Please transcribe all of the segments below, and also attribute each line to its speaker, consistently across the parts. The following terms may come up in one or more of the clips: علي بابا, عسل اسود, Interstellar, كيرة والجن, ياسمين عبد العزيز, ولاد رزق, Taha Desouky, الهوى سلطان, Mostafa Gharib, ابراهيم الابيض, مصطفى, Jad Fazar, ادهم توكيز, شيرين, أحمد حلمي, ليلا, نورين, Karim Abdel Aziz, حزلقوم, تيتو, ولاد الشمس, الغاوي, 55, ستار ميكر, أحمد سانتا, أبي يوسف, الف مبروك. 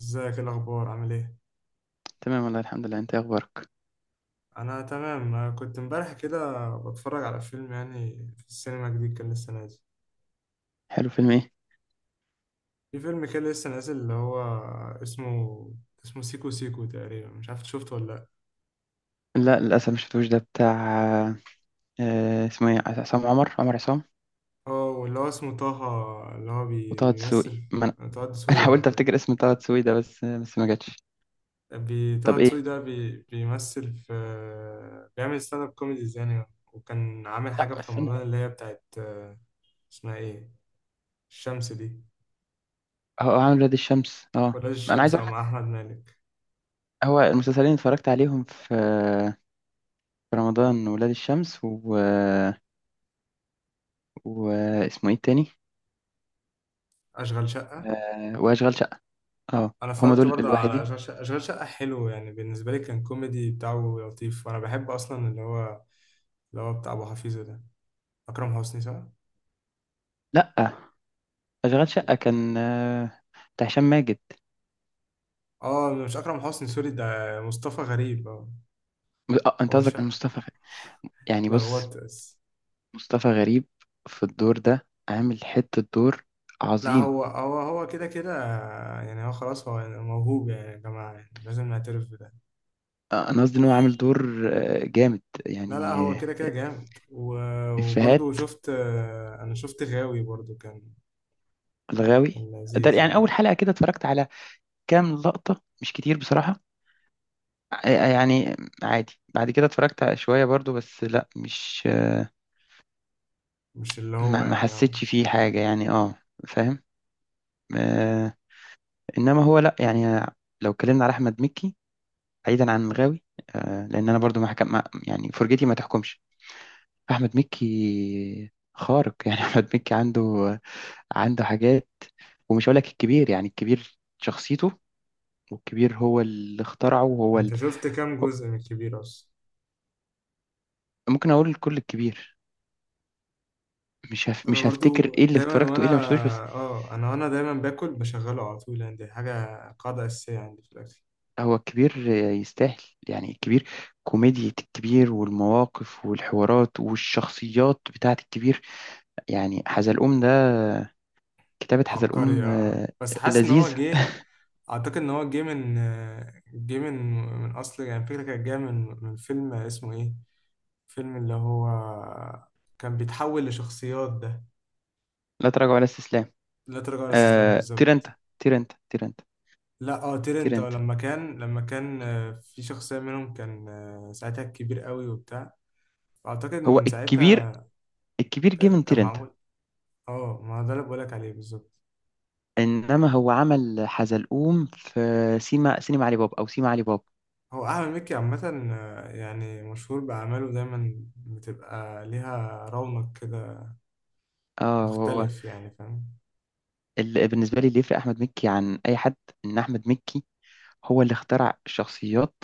Speaker 1: ازيك؟ إيه الاخبار؟ عامل ايه؟
Speaker 2: تمام والله الحمد لله. انت ايه اخبارك؟
Speaker 1: انا تمام. أنا كنت امبارح كده بتفرج على فيلم، يعني في السينما، جديد كان لسه نازل.
Speaker 2: حلو. فيلم ايه؟
Speaker 1: في فيلم كده لسه نازل اللي هو اسمه اسمه سيكو سيكو تقريبا. مش عارف إنت شفته ولا لا؟
Speaker 2: لا، للاسف مش شفتوش. ده بتاع اسمه ايه؟ عصام عمر عصام.
Speaker 1: اه، واللي هو اسمه طه، اللي هو
Speaker 2: وطه دسوقي.
Speaker 1: بيمثل.
Speaker 2: ما انا
Speaker 1: طه
Speaker 2: انا
Speaker 1: دسوقي اه،
Speaker 2: حاولت افتكر اسم طه دسوقي ده، بس ما جاتش.
Speaker 1: طه
Speaker 2: طب ايه؟
Speaker 1: دسوقي ده بيمثل في، بيعمل ستاند اب كوميديز يعني. وكان عامل حاجة
Speaker 2: لا،
Speaker 1: في
Speaker 2: استنى
Speaker 1: رمضان
Speaker 2: بقى.
Speaker 1: اللي هي بتاعت اسمها ايه؟ الشمس دي؟
Speaker 2: هو عامل ولاد الشمس، اه.
Speaker 1: ولا
Speaker 2: انا عايز
Speaker 1: الشمس، اه،
Speaker 2: اقول لك،
Speaker 1: مع احمد مالك.
Speaker 2: هو المسلسلين اللي اتفرجت عليهم في رمضان، ولاد الشمس و. واسمه ايه التاني؟
Speaker 1: اشغال شقه.
Speaker 2: واشغال شقة. اه.
Speaker 1: انا
Speaker 2: هما
Speaker 1: اتفرجت
Speaker 2: دول
Speaker 1: برضه على
Speaker 2: الوحيدين.
Speaker 1: اشغال شقه. اشغال شقه حلو يعني، بالنسبه لي كان كوميدي بتاعه لطيف. وانا بحب اصلا اللي هو اللي هو بتاع ابو حفيظه ده، اكرم حسني صح؟
Speaker 2: لا، اشغال شقة كان بتاع هشام ماجد.
Speaker 1: اه، مش اكرم حسني، سوري، ده مصطفى غريب اه.
Speaker 2: اه، انت
Speaker 1: هو
Speaker 2: قصدك
Speaker 1: شقه
Speaker 2: مصطفى. يعني بص،
Speaker 1: اتلخبطت بس.
Speaker 2: مصطفى غريب في الدور ده عامل حتة دور
Speaker 1: لا،
Speaker 2: عظيم.
Speaker 1: هو كده كده يعني، هو خلاص، هو يعني موهوب يعني يا جماعه، يعني لازم نعترف بده.
Speaker 2: أنا قصدي إن هو عامل دور جامد
Speaker 1: لا لا،
Speaker 2: يعني
Speaker 1: هو كده كده جامد، و-
Speaker 2: إفيهات
Speaker 1: وبرضه شفت، انا شفت غاوي برضه، كان
Speaker 2: الغاوي.
Speaker 1: كان
Speaker 2: ده
Speaker 1: لذيذ
Speaker 2: يعني
Speaker 1: يعني.
Speaker 2: أول حلقة كده اتفرجت على كام لقطة، مش كتير بصراحة. يعني عادي، بعد كده اتفرجت على شوية برضو، بس لا مش
Speaker 1: مش اللي هو
Speaker 2: ما
Speaker 1: يعني، اه،
Speaker 2: حسيتش فيه حاجة، يعني اه، فاهم. آه، إنما هو لا يعني، لو اتكلمنا على أحمد مكي بعيدا عن الغاوي. لأن أنا برضو ما حكم ما- يعني فرجتي ما تحكمش. احمد مكي خارق يعني احمد مكي عنده حاجات. ومش هقول لك الكبير، يعني الكبير شخصيته، والكبير هو اللي اخترعه وهو
Speaker 1: انت شفت كام جزء من الكبير اصلا؟
Speaker 2: ممكن اقول الكل الكبير،
Speaker 1: انا
Speaker 2: مش هفتكر
Speaker 1: برضو
Speaker 2: ايه اللي
Speaker 1: دايما
Speaker 2: اتفرجته وايه
Speaker 1: وانا،
Speaker 2: اللي ما شفتوش، بس.
Speaker 1: اه، انا وانا دايما باكل بشغله على طول، يعني دي حاجه قاعده اساسيه عندي في الاكل.
Speaker 2: هو الكبير يستاهل، يعني الكبير، كوميديا الكبير والمواقف والحوارات والشخصيات بتاعت الكبير، يعني حزلقوم ده. كتابة
Speaker 1: عبقري
Speaker 2: حزلقوم
Speaker 1: آه. بس حاسس ان هو
Speaker 2: لذيذة.
Speaker 1: جه، اعتقد ان هو جه من، جه من من اصل، يعني فكره كانت جايه من فيلم اسمه ايه، فيلم اللي هو كان بيتحول لشخصيات ده.
Speaker 2: لا تراجع ولا استسلام.
Speaker 1: لا تراجع ولا استسلام بالظبط.
Speaker 2: تيرنتا تيرنتا تيرنتا
Speaker 1: لا اه، تيرنت آه،
Speaker 2: تيرنتا.
Speaker 1: لما كان في شخصيه منهم كان، ساعتها كبير قوي وبتاع. اعتقد
Speaker 2: هو
Speaker 1: من ساعتها
Speaker 2: الكبير، الكبير جه
Speaker 1: كان
Speaker 2: من
Speaker 1: كان
Speaker 2: تيرنتا.
Speaker 1: معمول. اه، ما هو ده اللي بقولك عليه بالظبط.
Speaker 2: انما هو عمل حزلقوم في سيما سينما علي بابا، او سيما علي بابا.
Speaker 1: هو أحمد مكي عامة، يعني مشهور بأعماله، دايما بتبقى ليها رونق كده
Speaker 2: اه، هو
Speaker 1: مختلف يعني، فاهم؟
Speaker 2: بالنسبه لي اللي يفرق احمد مكي عن اي حد، ان احمد مكي هو اللي اخترع الشخصيات،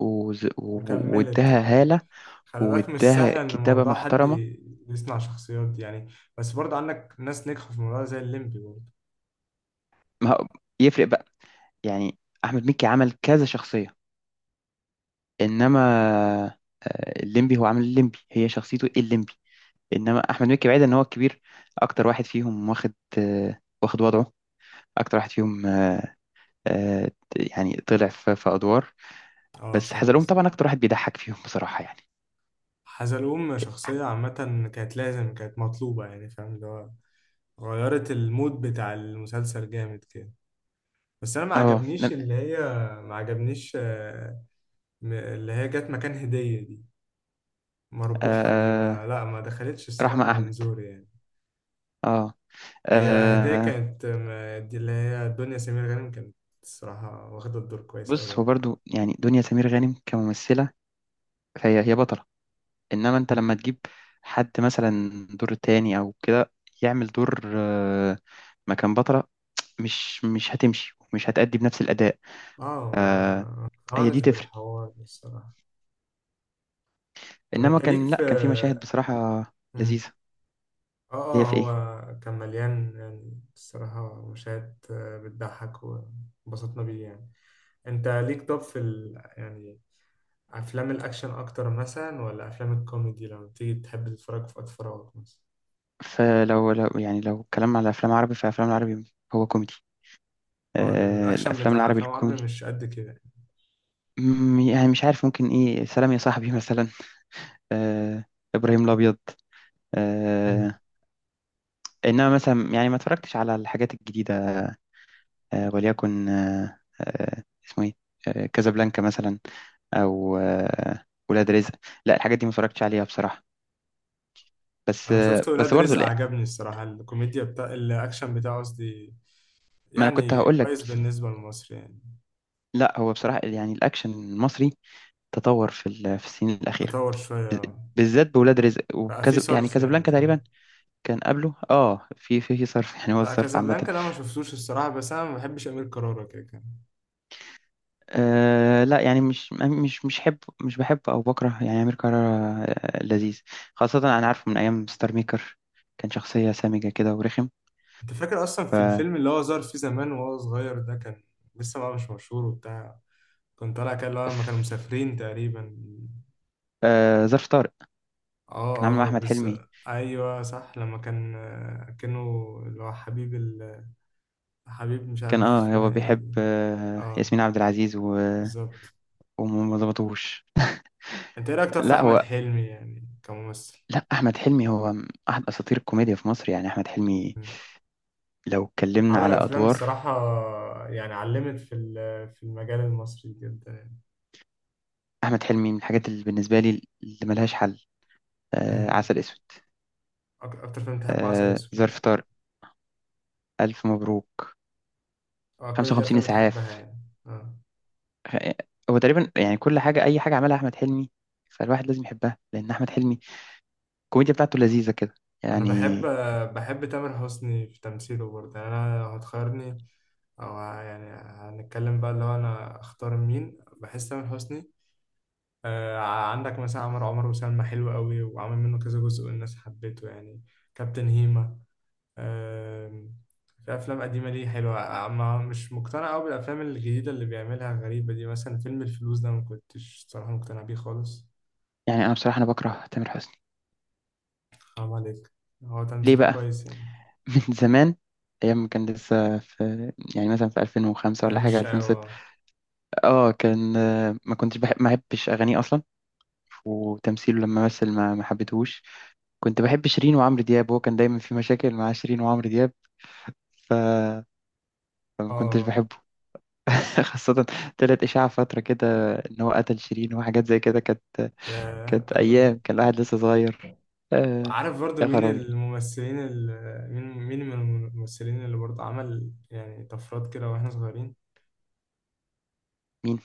Speaker 1: وكملت
Speaker 2: واداها
Speaker 1: اه.
Speaker 2: هاله،
Speaker 1: خلي بالك مش
Speaker 2: واداها
Speaker 1: سهل إن
Speaker 2: كتابه
Speaker 1: موضوع حد
Speaker 2: محترمه.
Speaker 1: يصنع شخصيات دي يعني. بس برضه عندك ناس نجحوا في الموضوع زي الليمبي برضه.
Speaker 2: ما هو- يفرق بقى يعني، احمد مكي عمل كذا شخصيه. انما الليمبي هو عمل الليمبي، هي شخصيته الليمبي. انما احمد مكي بعيد ان هو الكبير اكتر واحد فيهم، واخد وضعه، اكتر واحد فيهم آه، يعني طلع في ادوار،
Speaker 1: اه
Speaker 2: بس
Speaker 1: فاهم
Speaker 2: حزلقوم
Speaker 1: قصدي.
Speaker 2: طبعا اكتر واحد بيضحك فيهم بصراحه يعني.
Speaker 1: حزلقوم شخصية عامة، كانت لازم، كانت مطلوبة يعني، فاهم؟ اللي هو غيرت المود بتاع المسلسل جامد كده. بس انا ما
Speaker 2: اه
Speaker 1: عجبنيش اللي هي، ما عجبنيش آه، م- اللي هي جت مكان هدية دي، مربوحة دي، ما
Speaker 2: آه،
Speaker 1: لا ما دخلتش
Speaker 2: رحمه
Speaker 1: الصراحة من
Speaker 2: احمد.
Speaker 1: زوري يعني.
Speaker 2: اه.
Speaker 1: هي هدية
Speaker 2: آه،
Speaker 1: كانت، دي اللي هي دنيا سمير غانم، كانت الصراحة واخدة الدور كويس أوي
Speaker 2: بص، هو
Speaker 1: يعني.
Speaker 2: برضو يعني دنيا سمير غانم كممثله، فهي هي بطله. انما انت
Speaker 1: م.
Speaker 2: لما تجيب حد مثلا دور تاني او كده، يعمل دور مكان بطله، مش هتمشي، مش هتأدي بنفس الاداء.
Speaker 1: اه، ما
Speaker 2: آه،
Speaker 1: ما
Speaker 2: هي
Speaker 1: اقتنعتش
Speaker 2: دي تفرق.
Speaker 1: بالحوار ده الصراحة. طب
Speaker 2: انما
Speaker 1: انت ليك
Speaker 2: كان،
Speaker 1: في،
Speaker 2: لا كان في مشاهد بصراحه
Speaker 1: م.
Speaker 2: لذيذه.
Speaker 1: اه
Speaker 2: اللي هي
Speaker 1: اه،
Speaker 2: في ايه؟
Speaker 1: هو كان مليان يعني، الصراحة مشاهد بتضحك وانبسطنا بيه يعني. انت ليك طب في يعني افلام الاكشن اكتر مثلا ولا افلام الكوميدي لما بتيجي تحب تتفرج في وقت فراغك مثلا؟
Speaker 2: فلو يعني لو اتكلمنا على افلام عربي، فافلام العربي هو كوميدي.
Speaker 1: اه، لأن الاكشن
Speaker 2: الافلام
Speaker 1: بتاع
Speaker 2: العربي
Speaker 1: الافلام العربي
Speaker 2: الكوميدي.
Speaker 1: مش قد كده يعني.
Speaker 2: يعني مش عارف، ممكن ايه؟ سلام يا صاحبي مثلا. آه ابراهيم الابيض.
Speaker 1: مم.
Speaker 2: آه انما مثلا يعني ما اتفرجتش على الحاجات الجديده. وليكن اسمه ايه؟ كازابلانكا مثلا، او ولاد رزق. لا، الحاجات دي ما اتفرجتش عليها بصراحه. بس
Speaker 1: انا شفت
Speaker 2: آه بس
Speaker 1: ولاد
Speaker 2: برضه
Speaker 1: رزق،
Speaker 2: لا.
Speaker 1: عجبني الصراحه الكوميديا بتاع الاكشن بتاعه قصدي،
Speaker 2: ما انا كنت
Speaker 1: يعني
Speaker 2: هقول لك.
Speaker 1: كويس بالنسبه لمصر يعني.
Speaker 2: لا، هو بصراحة يعني الأكشن المصري تطور في السنين الأخيرة،
Speaker 1: تطور شويه،
Speaker 2: بالذات بولاد رزق
Speaker 1: بقى في
Speaker 2: وكذا، يعني
Speaker 1: صرف يعني،
Speaker 2: كازابلانكا تقريبا.
Speaker 1: فاهم؟
Speaker 2: كان قبله في صرف، يعني هو
Speaker 1: لا
Speaker 2: الصرف عامة.
Speaker 1: كازابلانكا ده ما شفتوش الصراحه، بس انا ما بحبش امير كرارة، كده كان.
Speaker 2: لا يعني مش. مش مش حب مش بحب او بكره، يعني امير كرارة لذيذ. خاصة انا عارفه من ايام ستار ميكر، كان شخصية سامجة كده ورخم.
Speaker 1: انت فاكر اصلا
Speaker 2: ف
Speaker 1: في الفيلم اللي هو ظهر فيه زمان وهو صغير ده، كان لسه بقى مش مشهور وبتاع. كان طالع كده اللي هو لما كانوا
Speaker 2: ف-
Speaker 1: مسافرين تقريبا.
Speaker 2: ظرف طارق
Speaker 1: اه
Speaker 2: كان عامل مع
Speaker 1: اه
Speaker 2: احمد
Speaker 1: بس.
Speaker 2: حلمي،
Speaker 1: ايوه صح، لما كان، كانه اللي هو حبيب حبيب مش عارف
Speaker 2: كان هو
Speaker 1: اسمها ايه
Speaker 2: بيحب
Speaker 1: دي. اه
Speaker 2: ياسمين عبد العزيز و.
Speaker 1: بالظبط.
Speaker 2: وما ظبطوش.
Speaker 1: انت ايه رايك طب في
Speaker 2: لا
Speaker 1: احمد
Speaker 2: هو
Speaker 1: حلمي يعني كممثل؟
Speaker 2: لا، احمد حلمي هو احد اساطير الكوميديا في مصر، يعني احمد حلمي.
Speaker 1: مم.
Speaker 2: لو اتكلمنا
Speaker 1: عمل
Speaker 2: على
Speaker 1: افلام
Speaker 2: ادوار،
Speaker 1: الصراحه، يعني علمت في في المجال المصري جدا يعني.
Speaker 2: احمد حلمي من الحاجات اللي بالنسبه لي اللي ملهاش حل.
Speaker 1: مم.
Speaker 2: عسل اسود،
Speaker 1: اكتر فيلم بتحبه عسل اسود؟
Speaker 2: ظرف طارق، الف مبروك،
Speaker 1: اه كل دي
Speaker 2: 55
Speaker 1: افلام بتحبها
Speaker 2: اسعاف.
Speaker 1: يعني؟ اه
Speaker 2: آه، هو تقريبا يعني كل حاجه، اي حاجه عملها احمد حلمي فالواحد لازم يحبها، لان احمد حلمي الكوميديا بتاعته لذيذه كده
Speaker 1: انا
Speaker 2: يعني.
Speaker 1: بحب، تامر حسني في تمثيله برضه يعني. انا لو هتخيرني، يعني هنتكلم بقى اللي هو انا اختار مين، بحس تامر حسني. آه عندك مثلا عمر وسلمى، حلو قوي وعامل منه كذا جزء والناس حبيته يعني. كابتن هيما، آه. في افلام قديمه ليه حلوه، ما مش مقتنع قوي بالافلام الجديده اللي بيعملها غريبه دي، مثلا فيلم الفلوس ده ما كنتش صراحه مقتنع بيه خالص.
Speaker 2: يعني انا بصراحه، انا بكره تامر حسني.
Speaker 1: حرام عليك، هو
Speaker 2: ليه
Speaker 1: تمثيله
Speaker 2: بقى؟
Speaker 1: كويس يعني.
Speaker 2: من زمان، ايام ما كان لسه في، يعني مثلا في 2005
Speaker 1: آه
Speaker 2: ولا حاجه،
Speaker 1: مش
Speaker 2: 2006،
Speaker 1: اه
Speaker 2: اه كان ما كنتش بحب، ما بحبش اغانيه اصلا. وتمثيله لما مثل ما حبيتهوش. كنت بحب شيرين وعمرو دياب، هو كان دايما في مشاكل مع شيرين وعمرو دياب. ف- فما كنتش
Speaker 1: آه،
Speaker 2: بحبه. خاصة طلعت إشاعة فترة كده إن هو قتل شيرين، وحاجات زي كده كانت
Speaker 1: ياه
Speaker 2: كانت
Speaker 1: الدرجة دي!
Speaker 2: أيام كان الواحد لسه صغير. آه
Speaker 1: عارف برضو
Speaker 2: يا
Speaker 1: مين
Speaker 2: خرابي.
Speaker 1: الممثلين اللي، مين مين من الممثلين اللي برضو عمل يعني طفرات كده واحنا صغيرين؟
Speaker 2: مين؟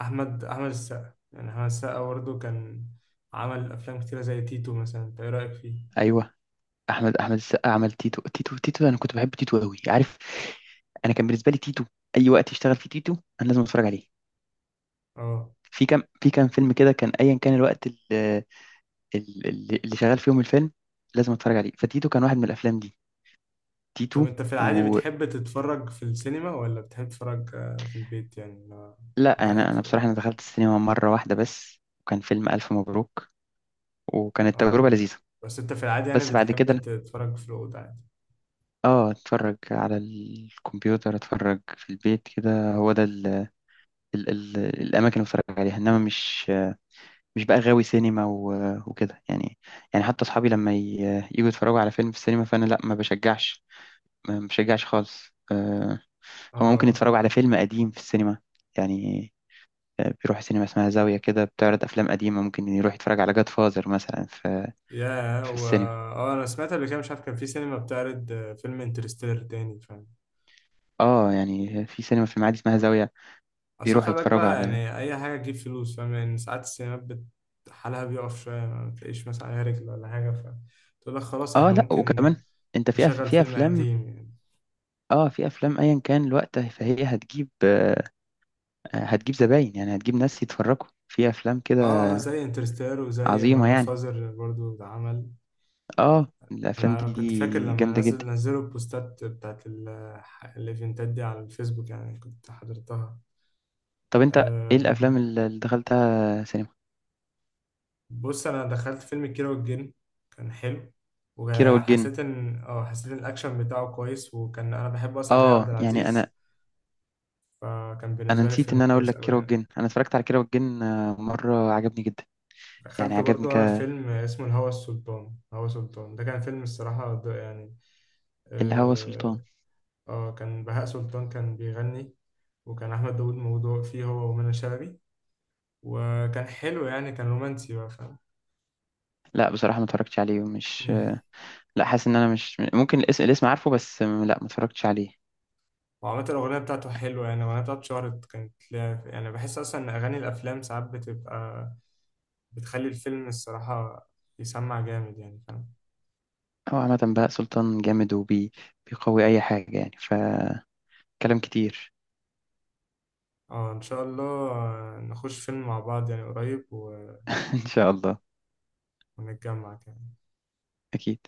Speaker 1: احمد السقا، يعني احمد السقا برضو كان عمل افلام كتيرة زي تيتو مثلا، انت ايه رأيك فيه؟
Speaker 2: أيوه، أحمد السقا عمل تيتو. تيتو تيتو، أنا كنت بحب تيتو أوي، عارف. أنا كان بالنسبة لي تيتو، أي وقت يشتغل فيه تيتو أنا لازم أتفرج عليه.
Speaker 1: اه.
Speaker 2: في كام فيلم كده كان، ايا كان الوقت اللي شغال فيهم الفيلم لازم اتفرج عليه، فتيتو كان واحد من الافلام دي.
Speaker 1: طب
Speaker 2: تيتو.
Speaker 1: انت في العادي
Speaker 2: ولا.
Speaker 1: بتحب تتفرج في السينما ولا بتحب تتفرج في البيت يعني، لو انت
Speaker 2: انا
Speaker 1: قاعد في
Speaker 2: انا
Speaker 1: الأوضة؟
Speaker 2: بصراحه، انا دخلت السينما مره واحده بس، وكان فيلم الف مبروك، وكانت تجربه
Speaker 1: اه،
Speaker 2: لذيذه.
Speaker 1: بس انت في العادي يعني
Speaker 2: بس بعد
Speaker 1: بتحب
Speaker 2: كده
Speaker 1: تتفرج في الأوضة عادي.
Speaker 2: اه اتفرج على الكمبيوتر، اتفرج في البيت كده، هو ده ال ال ال الاماكن اللي بتفرج عليها، انما مش بقى غاوي سينما وكده يعني. يعني حتى اصحابي لما يجوا يتفرجوا على فيلم في السينما، فانا لا، ما بشجعش، ما مشجعش خالص هما ممكن
Speaker 1: اه.
Speaker 2: يتفرجوا على فيلم قديم في السينما يعني. بيروح سينما اسمها زاوية كده، بتعرض أفلام قديمة، ممكن يروح يتفرج على جاد فازر مثلا في، في السينما.
Speaker 1: انا سمعت قبل كده مش عارف، كان في سينما بتعرض فيلم انترستيلر تاني، فاهم؟
Speaker 2: اه، يعني في سينما في المعادي اسمها زاوية،
Speaker 1: اصل
Speaker 2: بيروح
Speaker 1: خلي بالك
Speaker 2: يتفرجوا
Speaker 1: بقى
Speaker 2: على.
Speaker 1: يعني اي حاجه تجيب فلوس فاهم، يعني ساعات السينمات حالها بيقف شويه، ما تلاقيش مثلا عليها رجل ولا حاجه، فتقول لك خلاص
Speaker 2: اه،
Speaker 1: احنا
Speaker 2: لا،
Speaker 1: ممكن
Speaker 2: وكمان انت في
Speaker 1: نشغل
Speaker 2: في
Speaker 1: فيلم
Speaker 2: أفلام،
Speaker 1: قديم يعني.
Speaker 2: اه، في أفلام أيا كان الوقت فهي هتجيب زباين، يعني هتجيب ناس يتفرجوا في أفلام كده
Speaker 1: اه، زي انترستيلر وزي ما
Speaker 2: عظيمة
Speaker 1: جاد
Speaker 2: يعني.
Speaker 1: فازر برضو ده عمل.
Speaker 2: اه، الأفلام
Speaker 1: انا كنت فاكر
Speaker 2: دي
Speaker 1: لما
Speaker 2: جامدة
Speaker 1: نزل
Speaker 2: جدا.
Speaker 1: نزلوا البوستات بتاعت الايفنتات دي على الفيسبوك يعني، كنت حضرتها.
Speaker 2: طب انت ايه
Speaker 1: آه،
Speaker 2: الأفلام اللي دخلتها سينما؟
Speaker 1: بص، انا دخلت فيلم الكيرة والجن، كان حلو.
Speaker 2: كيرة والجن،
Speaker 1: وحسيت ان حسيت ان الاكشن بتاعه كويس، وكان انا بحب اصلا كريم عبد
Speaker 2: اه، يعني
Speaker 1: العزيز،
Speaker 2: انا،
Speaker 1: فكان
Speaker 2: انا
Speaker 1: بالنسبه لي
Speaker 2: نسيت
Speaker 1: فيلم
Speaker 2: ان انا اقول
Speaker 1: كويس
Speaker 2: لك
Speaker 1: قوي
Speaker 2: كيرة
Speaker 1: يعني.
Speaker 2: والجن، انا اتفرجت على كيرة والجن مره، عجبني جدا، يعني
Speaker 1: دخلت
Speaker 2: عجبني
Speaker 1: برضو انا فيلم اسمه الهوى السلطان، هوى سلطان ده كان فيلم الصراحه ده يعني.
Speaker 2: الهوى سلطان.
Speaker 1: اه، كان بهاء سلطان كان بيغني، وكان احمد داوود موضوع فيه هو ومنى شلبي، وكان حلو يعني، كان رومانسي بقى فاهم؟
Speaker 2: لا بصراحه ما اتفرجتش عليه، ومش، لا حاسس ان انا مش ممكن، الاسم عارفه بس لا، ما اتفرجتش عليه.
Speaker 1: وعامة الأغنية بتاعته حلوة يعني، الأغنية بتاعته اتشهرت كانت ليها، يعني بحس أصلا إن أغاني الأفلام ساعات بتبقى، بتخلي الفيلم الصراحة يسمع جامد يعني فاهم؟
Speaker 2: هو عامه بقى سلطان جامد وبيقوي اي حاجه، يعني فكلام كتير.
Speaker 1: اه إن شاء الله، نخش فيلم مع بعض يعني قريب و-
Speaker 2: ان شاء الله.
Speaker 1: ونتجمع كده.
Speaker 2: اكيد.